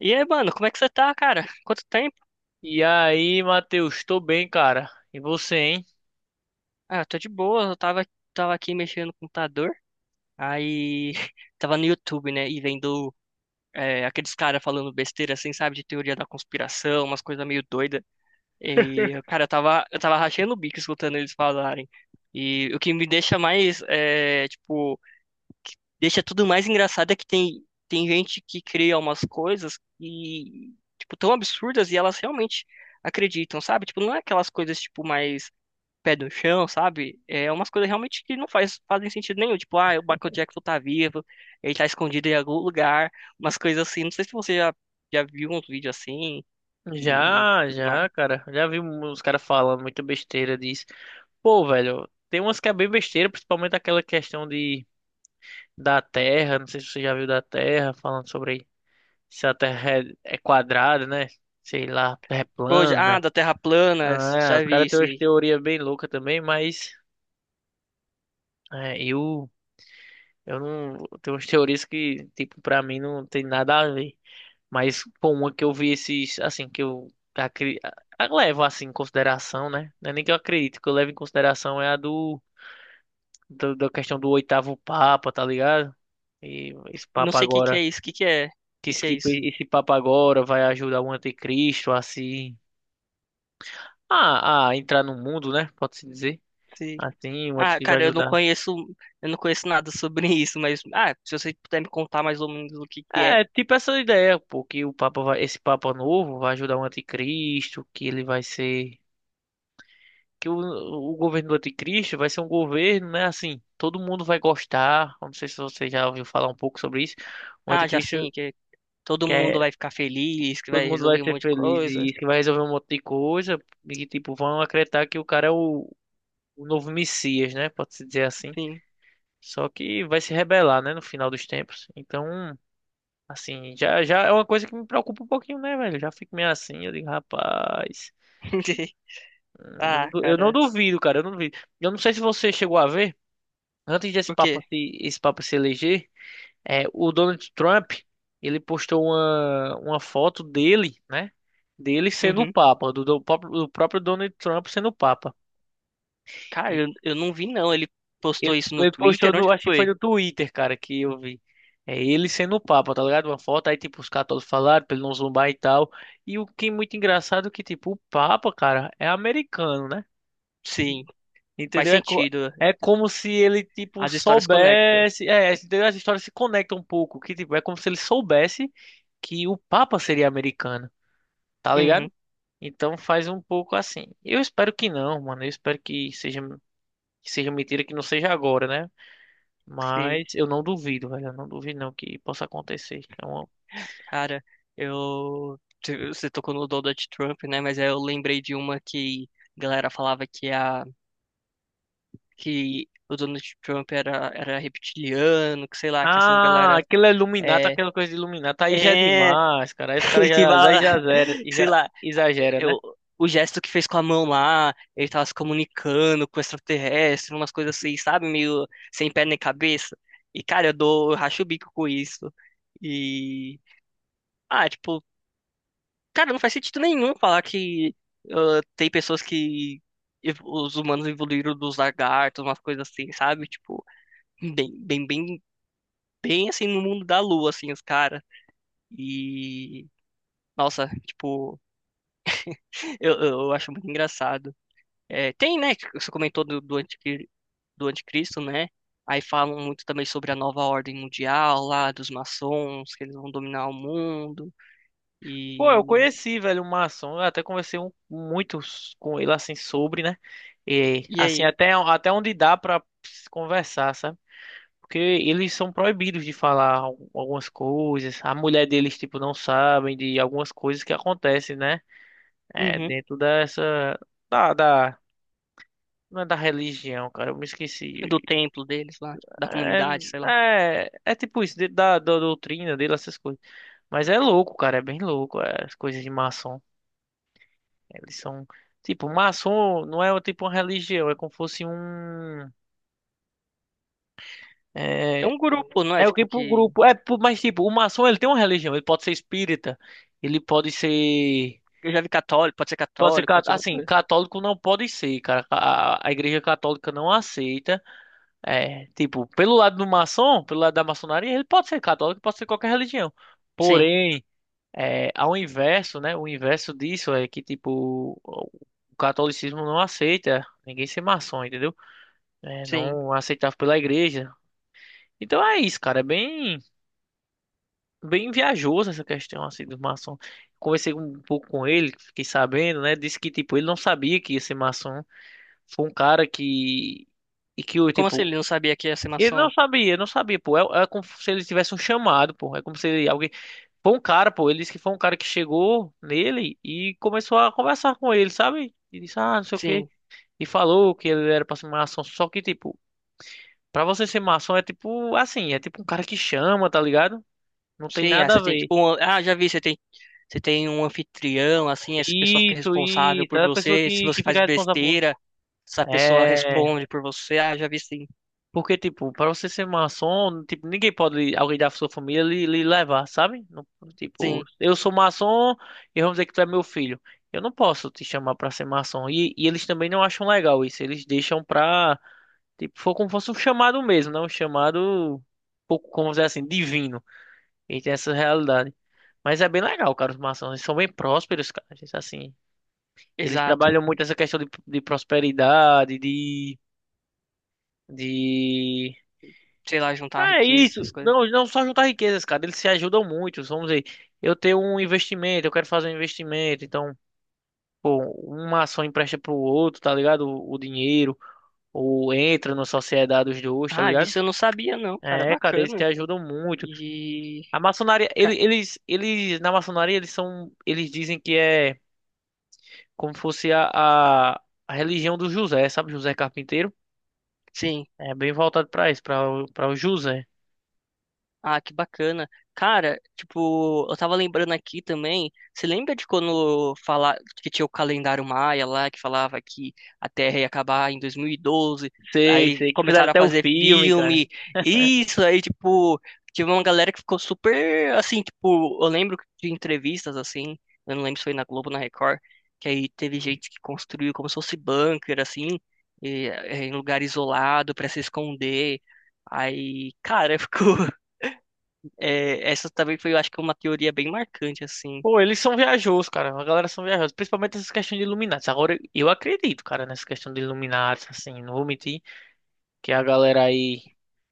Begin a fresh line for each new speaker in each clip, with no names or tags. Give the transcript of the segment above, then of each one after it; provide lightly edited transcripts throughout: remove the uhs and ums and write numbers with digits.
E aí, mano, como é que você tá, cara? Quanto tempo?
E aí, Matheus, tô bem, cara. E você, hein?
Ah, eu tô de boa, eu tava, tava aqui mexendo no computador, aí tava no YouTube, né, e vendo aqueles caras falando besteira, assim, sabe, de teoria da conspiração, umas coisas meio doidas. E, cara, eu tava rachando o bico escutando eles falarem. E o que me deixa mais, é, tipo, deixa tudo mais engraçado é que tem gente que cria umas coisas e, tipo, tão absurdas e elas realmente acreditam, sabe? Tipo, não é aquelas coisas, tipo, mais pé no chão, sabe? É umas coisas realmente que não faz, fazem sentido nenhum. Tipo, ah, o Michael Jackson tá vivo, ele tá escondido em algum lugar, umas coisas assim. Não sei se já viu uns vídeos assim e
Já,
tudo mais.
já, cara. Já vi uns caras falando muita besteira disso. Pô, velho, tem umas que é bem besteira, principalmente aquela questão de da Terra. Não sei se você já viu da Terra, falando sobre se a Terra é quadrada, né? Sei lá, é
Pô, ah,
plana.
da Terra plana,
Ah, é,
já
os
vi
caras têm
isso
umas
aí.
teorias bem loucas também, mas é, eu, eu não. Tem umas teorias que, tipo, pra mim não tem nada a ver. Mas, pô, uma que eu vi esses, assim, que eu acri... levo, assim, em consideração, né? Não é nem que eu acredito, que eu levo em consideração é a da questão do oitavo Papa, tá ligado? E
Não sei o que que é isso, o que que é? O que que é isso?
Esse Papa agora vai ajudar o anticristo a se, a entrar no mundo, né? Pode-se dizer.
Sim.
Assim, o
Ah,
anticristo vai
cara,
ajudar.
eu não conheço nada sobre isso, mas ah, se você puder me contar mais ou menos o que que é.
É, tipo essa ideia, pô, que o Papa vai, esse Papa novo vai ajudar o anticristo, que ele vai ser que o governo do anticristo vai ser um governo, né? Assim, todo mundo vai gostar. Eu não sei se você já ouviu falar um pouco sobre isso. O
Ah, já
anticristo
sim, que todo mundo
quer,
vai ficar feliz, que
todo
vai
mundo vai
resolver um
ser
monte de
feliz
coisa,
e isso que vai resolver um monte de coisa e que tipo vão acreditar que o cara é o novo Messias, né? Pode-se dizer assim.
sim.
Só que vai se rebelar, né? No final dos tempos. Então, assim, já já é uma coisa que me preocupa um pouquinho, né, velho? Já fico meio assim, eu digo, rapaz,
Ah,
eu não
cara.
duvido, cara, eu não duvido. Eu não sei se você chegou a ver. Antes desse
O
papo
quê?
se, esse papo se eleger, O Donald Trump, ele postou uma foto dele, né? Dele sendo o
Uhum.
Papa, do próprio Donald Trump sendo o Papa.
Cara,
E
eu não vi não. Ele postou
ele,
isso no
ele postou
Twitter? Onde
no,
que
acho que foi
foi?
no Twitter, cara, que eu vi. É ele sendo o Papa, tá ligado? Uma foto, aí tipo, os católicos falaram pra ele não zumbar e tal. E o que é muito engraçado é que, tipo, o Papa, cara, é americano, né?
Sim, faz
Entendeu? É, co-
sentido.
é como se ele, tipo,
As histórias conectam.
soubesse. É, entendeu? As histórias se conectam um pouco. Que, tipo, é como se ele soubesse que o Papa seria americano, tá ligado?
Uhum,
Então faz um pouco assim. Eu espero que não, mano. Eu espero que seja, mentira, que não seja agora, né?
sei.
Mas eu não duvido, velho. Eu não duvido, não, que possa acontecer.
Cara, Você tocou no Donald Trump, né? Mas aí eu lembrei de uma que a galera falava que a. que o Donald Trump era reptiliano, que sei lá, que essas
Ah,
galera.
aquilo é Illuminati,
É.
aquela coisa de Illuminati. Aí já é
É.
demais, cara. Aí os caras
que,
já, aí
vai,
já
sei
já
lá,
exagera, né?
eu, o gesto que fez com a mão lá, ele tava se comunicando com o extraterrestre, umas coisas assim, sabe? Meio sem pé nem cabeça. E, cara, eu racho o bico com isso. E, ah, tipo, cara, não faz sentido nenhum falar que ah, tem pessoas que os humanos evoluíram dos lagartos, umas coisas assim, sabe? Tipo, bem, bem, bem, bem assim no mundo da lua, assim, os caras. E, nossa, tipo, eu acho muito engraçado. É, tem, né? que Você comentou do, do, do anticristo, né? Aí falam muito também sobre a nova ordem mundial lá, dos maçons, que eles vão dominar o mundo.
Pô, eu
E,
conheci, velho, o Maçom. Eu até conversei com ele, assim, sobre, né? E,
e
assim,
aí?
até onde dá pra se conversar, sabe? Porque eles são proibidos de falar algumas coisas. A mulher deles, tipo, não sabem de algumas coisas que acontecem, né? É,
Uhum,
dentro dessa... Da, da, não é da religião, cara. Eu me esqueci.
do templo deles lá, da
É,
comunidade, sei lá.
é, tipo isso, dentro da doutrina dele, essas coisas. Mas é louco, cara. É bem louco, as coisas de maçom. Eles são. Tipo, maçom não é tipo uma religião, é como se fosse um.
É
É,
um grupo, não é?
é, o
Tipo,
tipo pro
que
grupo. Mas tipo, o maçom ele tem uma religião, ele pode ser espírita, ele pode ser.
eu já vi
Pode ser,
católico, pode ser muita
assim,
coisa.
católico não pode ser, cara. A igreja católica não aceita. É, tipo, pelo lado do maçom, pelo lado da maçonaria, ele pode ser católico, pode ser qualquer religião.
Sim,
Porém, ao inverso, né? O inverso disso é que, tipo, o catolicismo não aceita ninguém ser maçom, entendeu? Né,
sim.
não aceitava pela igreja. Então é isso, cara, é bem, bem viajoso essa questão assim dos maçons. Conversei um pouco com ele, fiquei sabendo, né? Disse que tipo ele não sabia que ia ser maçom. Foi um cara que e que o
Como assim
tipo
ele não sabia que ia ser
ele
maçom?
não sabia, não sabia, pô. É, é como se ele tivesse um chamado, pô. É como se alguém foi um cara, pô. Ele disse que foi um cara que chegou nele e começou a conversar com ele, sabe? E disse não sei o quê.
Sim,
E falou que ele era pra ser maçom, só que tipo pra você ser maçom é tipo assim, é tipo um cara que chama, tá ligado? Não tem
sim. Ah,
nada a
você tem
ver.
ah, já vi, você tem um anfitrião, assim, essa pessoa fica
Isso,
responsável
isso.
por
É a pessoa
você. Se
que,
você
que
faz
fica responsável por.
besteira,
isso.
essa pessoa
É.
responde por você. Ah, já vi sim.
Porque, tipo, pra você ser maçom, tipo, ninguém pode, alguém da sua família, lhe levar, sabe? Tipo,
Sim,
eu sou maçom e vamos dizer que tu é meu filho. Eu não posso te chamar pra ser maçom. E eles também não acham legal isso. Eles deixam pra. Tipo, for como se fosse um chamado mesmo, né? Um chamado, um pouco, como dizer assim, divino. E tem essa realidade. Mas é bem legal, cara, os maçons. Eles são bem prósperos, cara. Eles
exato.
trabalham muito essa questão de prosperidadede...
Sei lá, juntar
Ah, é
riqueza,
isso.
essas coisas.
Não, não só juntar riquezas, cara. Eles se ajudam muito. Vamos dizer, eu tenho um investimento, eu quero fazer um investimento. Então, pô, uma ação empresta pro outro, tá ligado? O dinheiro. Ou entra na sociedade os dois, tá
Ah,
ligado?
disso eu não sabia, não, cara.
É, cara, eles se
Bacana.
ajudam muito.
E.
A maçonaria, ele-
ca-
eles, na maçonaria, eles são, eles dizem que é como fosse a religião do José, sabe? José Carpinteiro.
Sim.
É bem voltado pra isso, pra o José.
Ah, que bacana. Cara, tipo, eu tava lembrando aqui também. Você lembra de quando falar que tinha o calendário Maia lá, que falava que a Terra ia acabar em 2012?
Sei,
Aí
sei, que fizeram
começaram a
até o
fazer
filme, cara.
filme. Isso aí, tipo, tive uma galera que ficou super assim, tipo, eu lembro de entrevistas assim, eu não lembro se foi na Globo, ou na Record, que aí teve gente que construiu como se fosse bunker assim, em lugar isolado pra se esconder. Aí, cara, ficou É, essa também foi, eu acho que uma teoria bem marcante, assim.
Pô, eles são viajosos, cara. A galera são viajosos, principalmente essas questões de Illuminati. Agora, eu acredito, cara, nessa questão de Illuminati, assim, não vou mentir, que a galera aí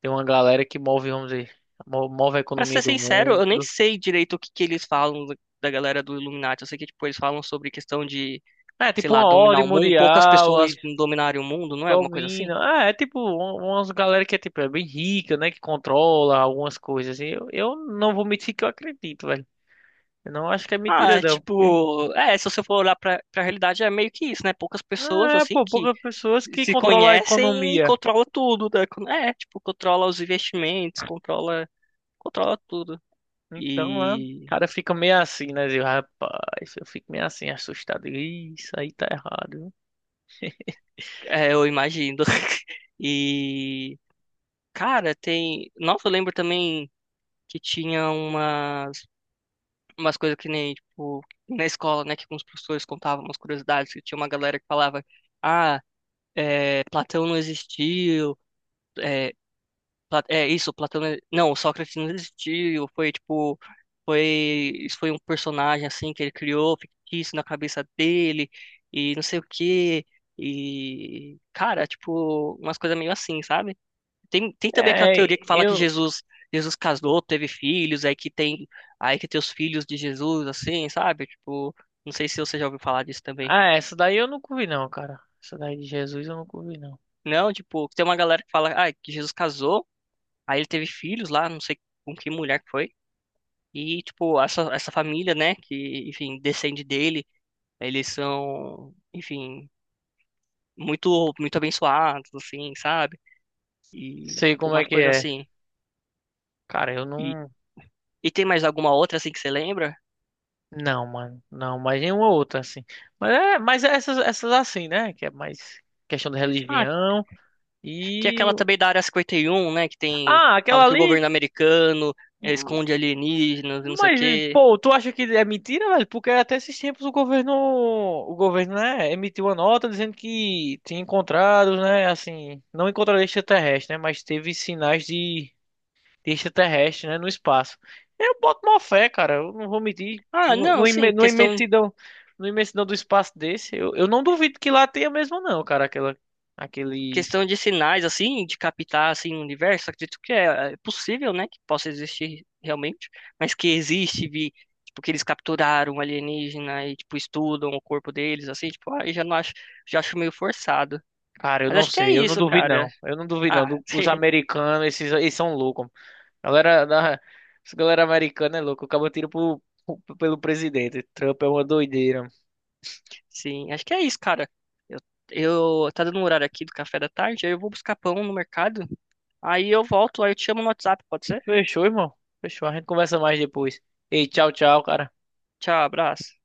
tem uma galera que move, vamos dizer, move a
Pra
economia
ser
do
sincero,
mundo.
eu nem sei direito o que que eles falam da galera do Illuminati. Eu sei que, tipo, eles falam sobre questão de,
É,
sei
tipo
lá,
uma
dominar
ordem
o mundo. Poucas
mundial
pessoas dominarem o mundo, não é? Alguma coisa assim?
Domina. Ah, é tipo umas galera que é tipo é bem rica, né? Que controla algumas coisas assim. Eu não vou mentir que eu acredito, velho. Eu não acho que é
Ah,
mentira,
é
não. Porque...
tipo, é, se você for olhar pra realidade, é meio que isso, né? Poucas pessoas,
Ah, é,
assim,
pô,
que
poucas pessoas que
se
controlam a
conhecem e
economia.
controla tudo, né? É, tipo, controla os investimentos, controla tudo.
Então, o
E,
cara fica meio assim, né? Zil? Rapaz, eu fico meio assim, assustado. Ih, isso aí tá errado, viu?
é, eu imagino. E cara, tem. Nossa, eu lembro também que tinha umas coisas que nem, tipo, na escola, né, que com os professores contavam umas curiosidades, que tinha uma galera que falava, ah, é, Platão não existiu, é, é isso, Platão não... não, Sócrates não existiu, foi tipo, foi, isso foi um personagem assim que ele criou, fictício na cabeça dele, e não sei o quê. E, cara, tipo, umas coisas meio assim, sabe? Tem também aquela
É,
teoria que fala que
eu.
Jesus, Jesus casou, teve filhos, aí que tem os filhos de Jesus, assim, sabe? Tipo, não sei se você já ouviu falar disso também.
Ah, essa daí eu nunca vi, não, cara. Essa daí de Jesus eu nunca vi, não.
Não, tipo, tem uma galera que fala, ah, que Jesus casou, aí ele teve filhos lá, não sei com que mulher que foi. E, tipo, essa família, né, que, enfim, descende dele, eles são, enfim, muito abençoados, assim, sabe? E,
Sei
tipo,
como é
umas
que
coisas
é.
assim.
Cara, eu
E,
não.
e tem mais alguma outra, assim, que você lembra?
Não, mano. Não, mas nenhuma outra, assim. Mas é essas assim, né? Que é mais questão da
Ah,
religião
tem
e...
aquela também da Área 51, né? Que tem.
Ah, aquela
Fala que o
ali...
governo americano
hum,
esconde alienígenas e não sei o
mas,
quê.
pô, tu acha que é mentira, velho? Porque é até esses tempos o governo... O governo, né? Emitiu uma nota dizendo que tinha encontrado, né? Assim, não encontraram extraterrestre, né? Mas teve sinais de extraterrestre, né? No espaço. Eu boto uma fé, cara. Eu não vou medir.
Ah, não,
Numa
sim,
imen- numa imensidão, numa imensidão do espaço desse, eu não duvido que lá tenha mesmo, não, cara. Aquela, aquele.
questão de sinais, assim, de captar, assim, o universo. Acredito que é, é possível, né? Que possa existir realmente. Mas que existe, vi, tipo, que eles capturaram um alienígena e, tipo, estudam o corpo deles, assim, tipo, aí já não acho, já acho meio forçado.
Cara, eu
Mas
não
acho que é
sei. Eu não
isso,
duvido,
cara.
não. Eu não duvido, não.
Ah,
Os americanos, esses, eles são loucos. Galera, da, Essa galera americana é louca. Acaba tiro pelo presidente. Trump é uma doideira.
Sim, acho que é isso, cara. Eu, eu tá dando um horário aqui do café da tarde, aí eu vou buscar pão no mercado. Aí eu volto, aí eu te chamo no WhatsApp, pode ser?
Fechou, irmão. Fechou. A gente conversa mais depois. Ei, tchau, tchau, cara.
Tchau, abraço.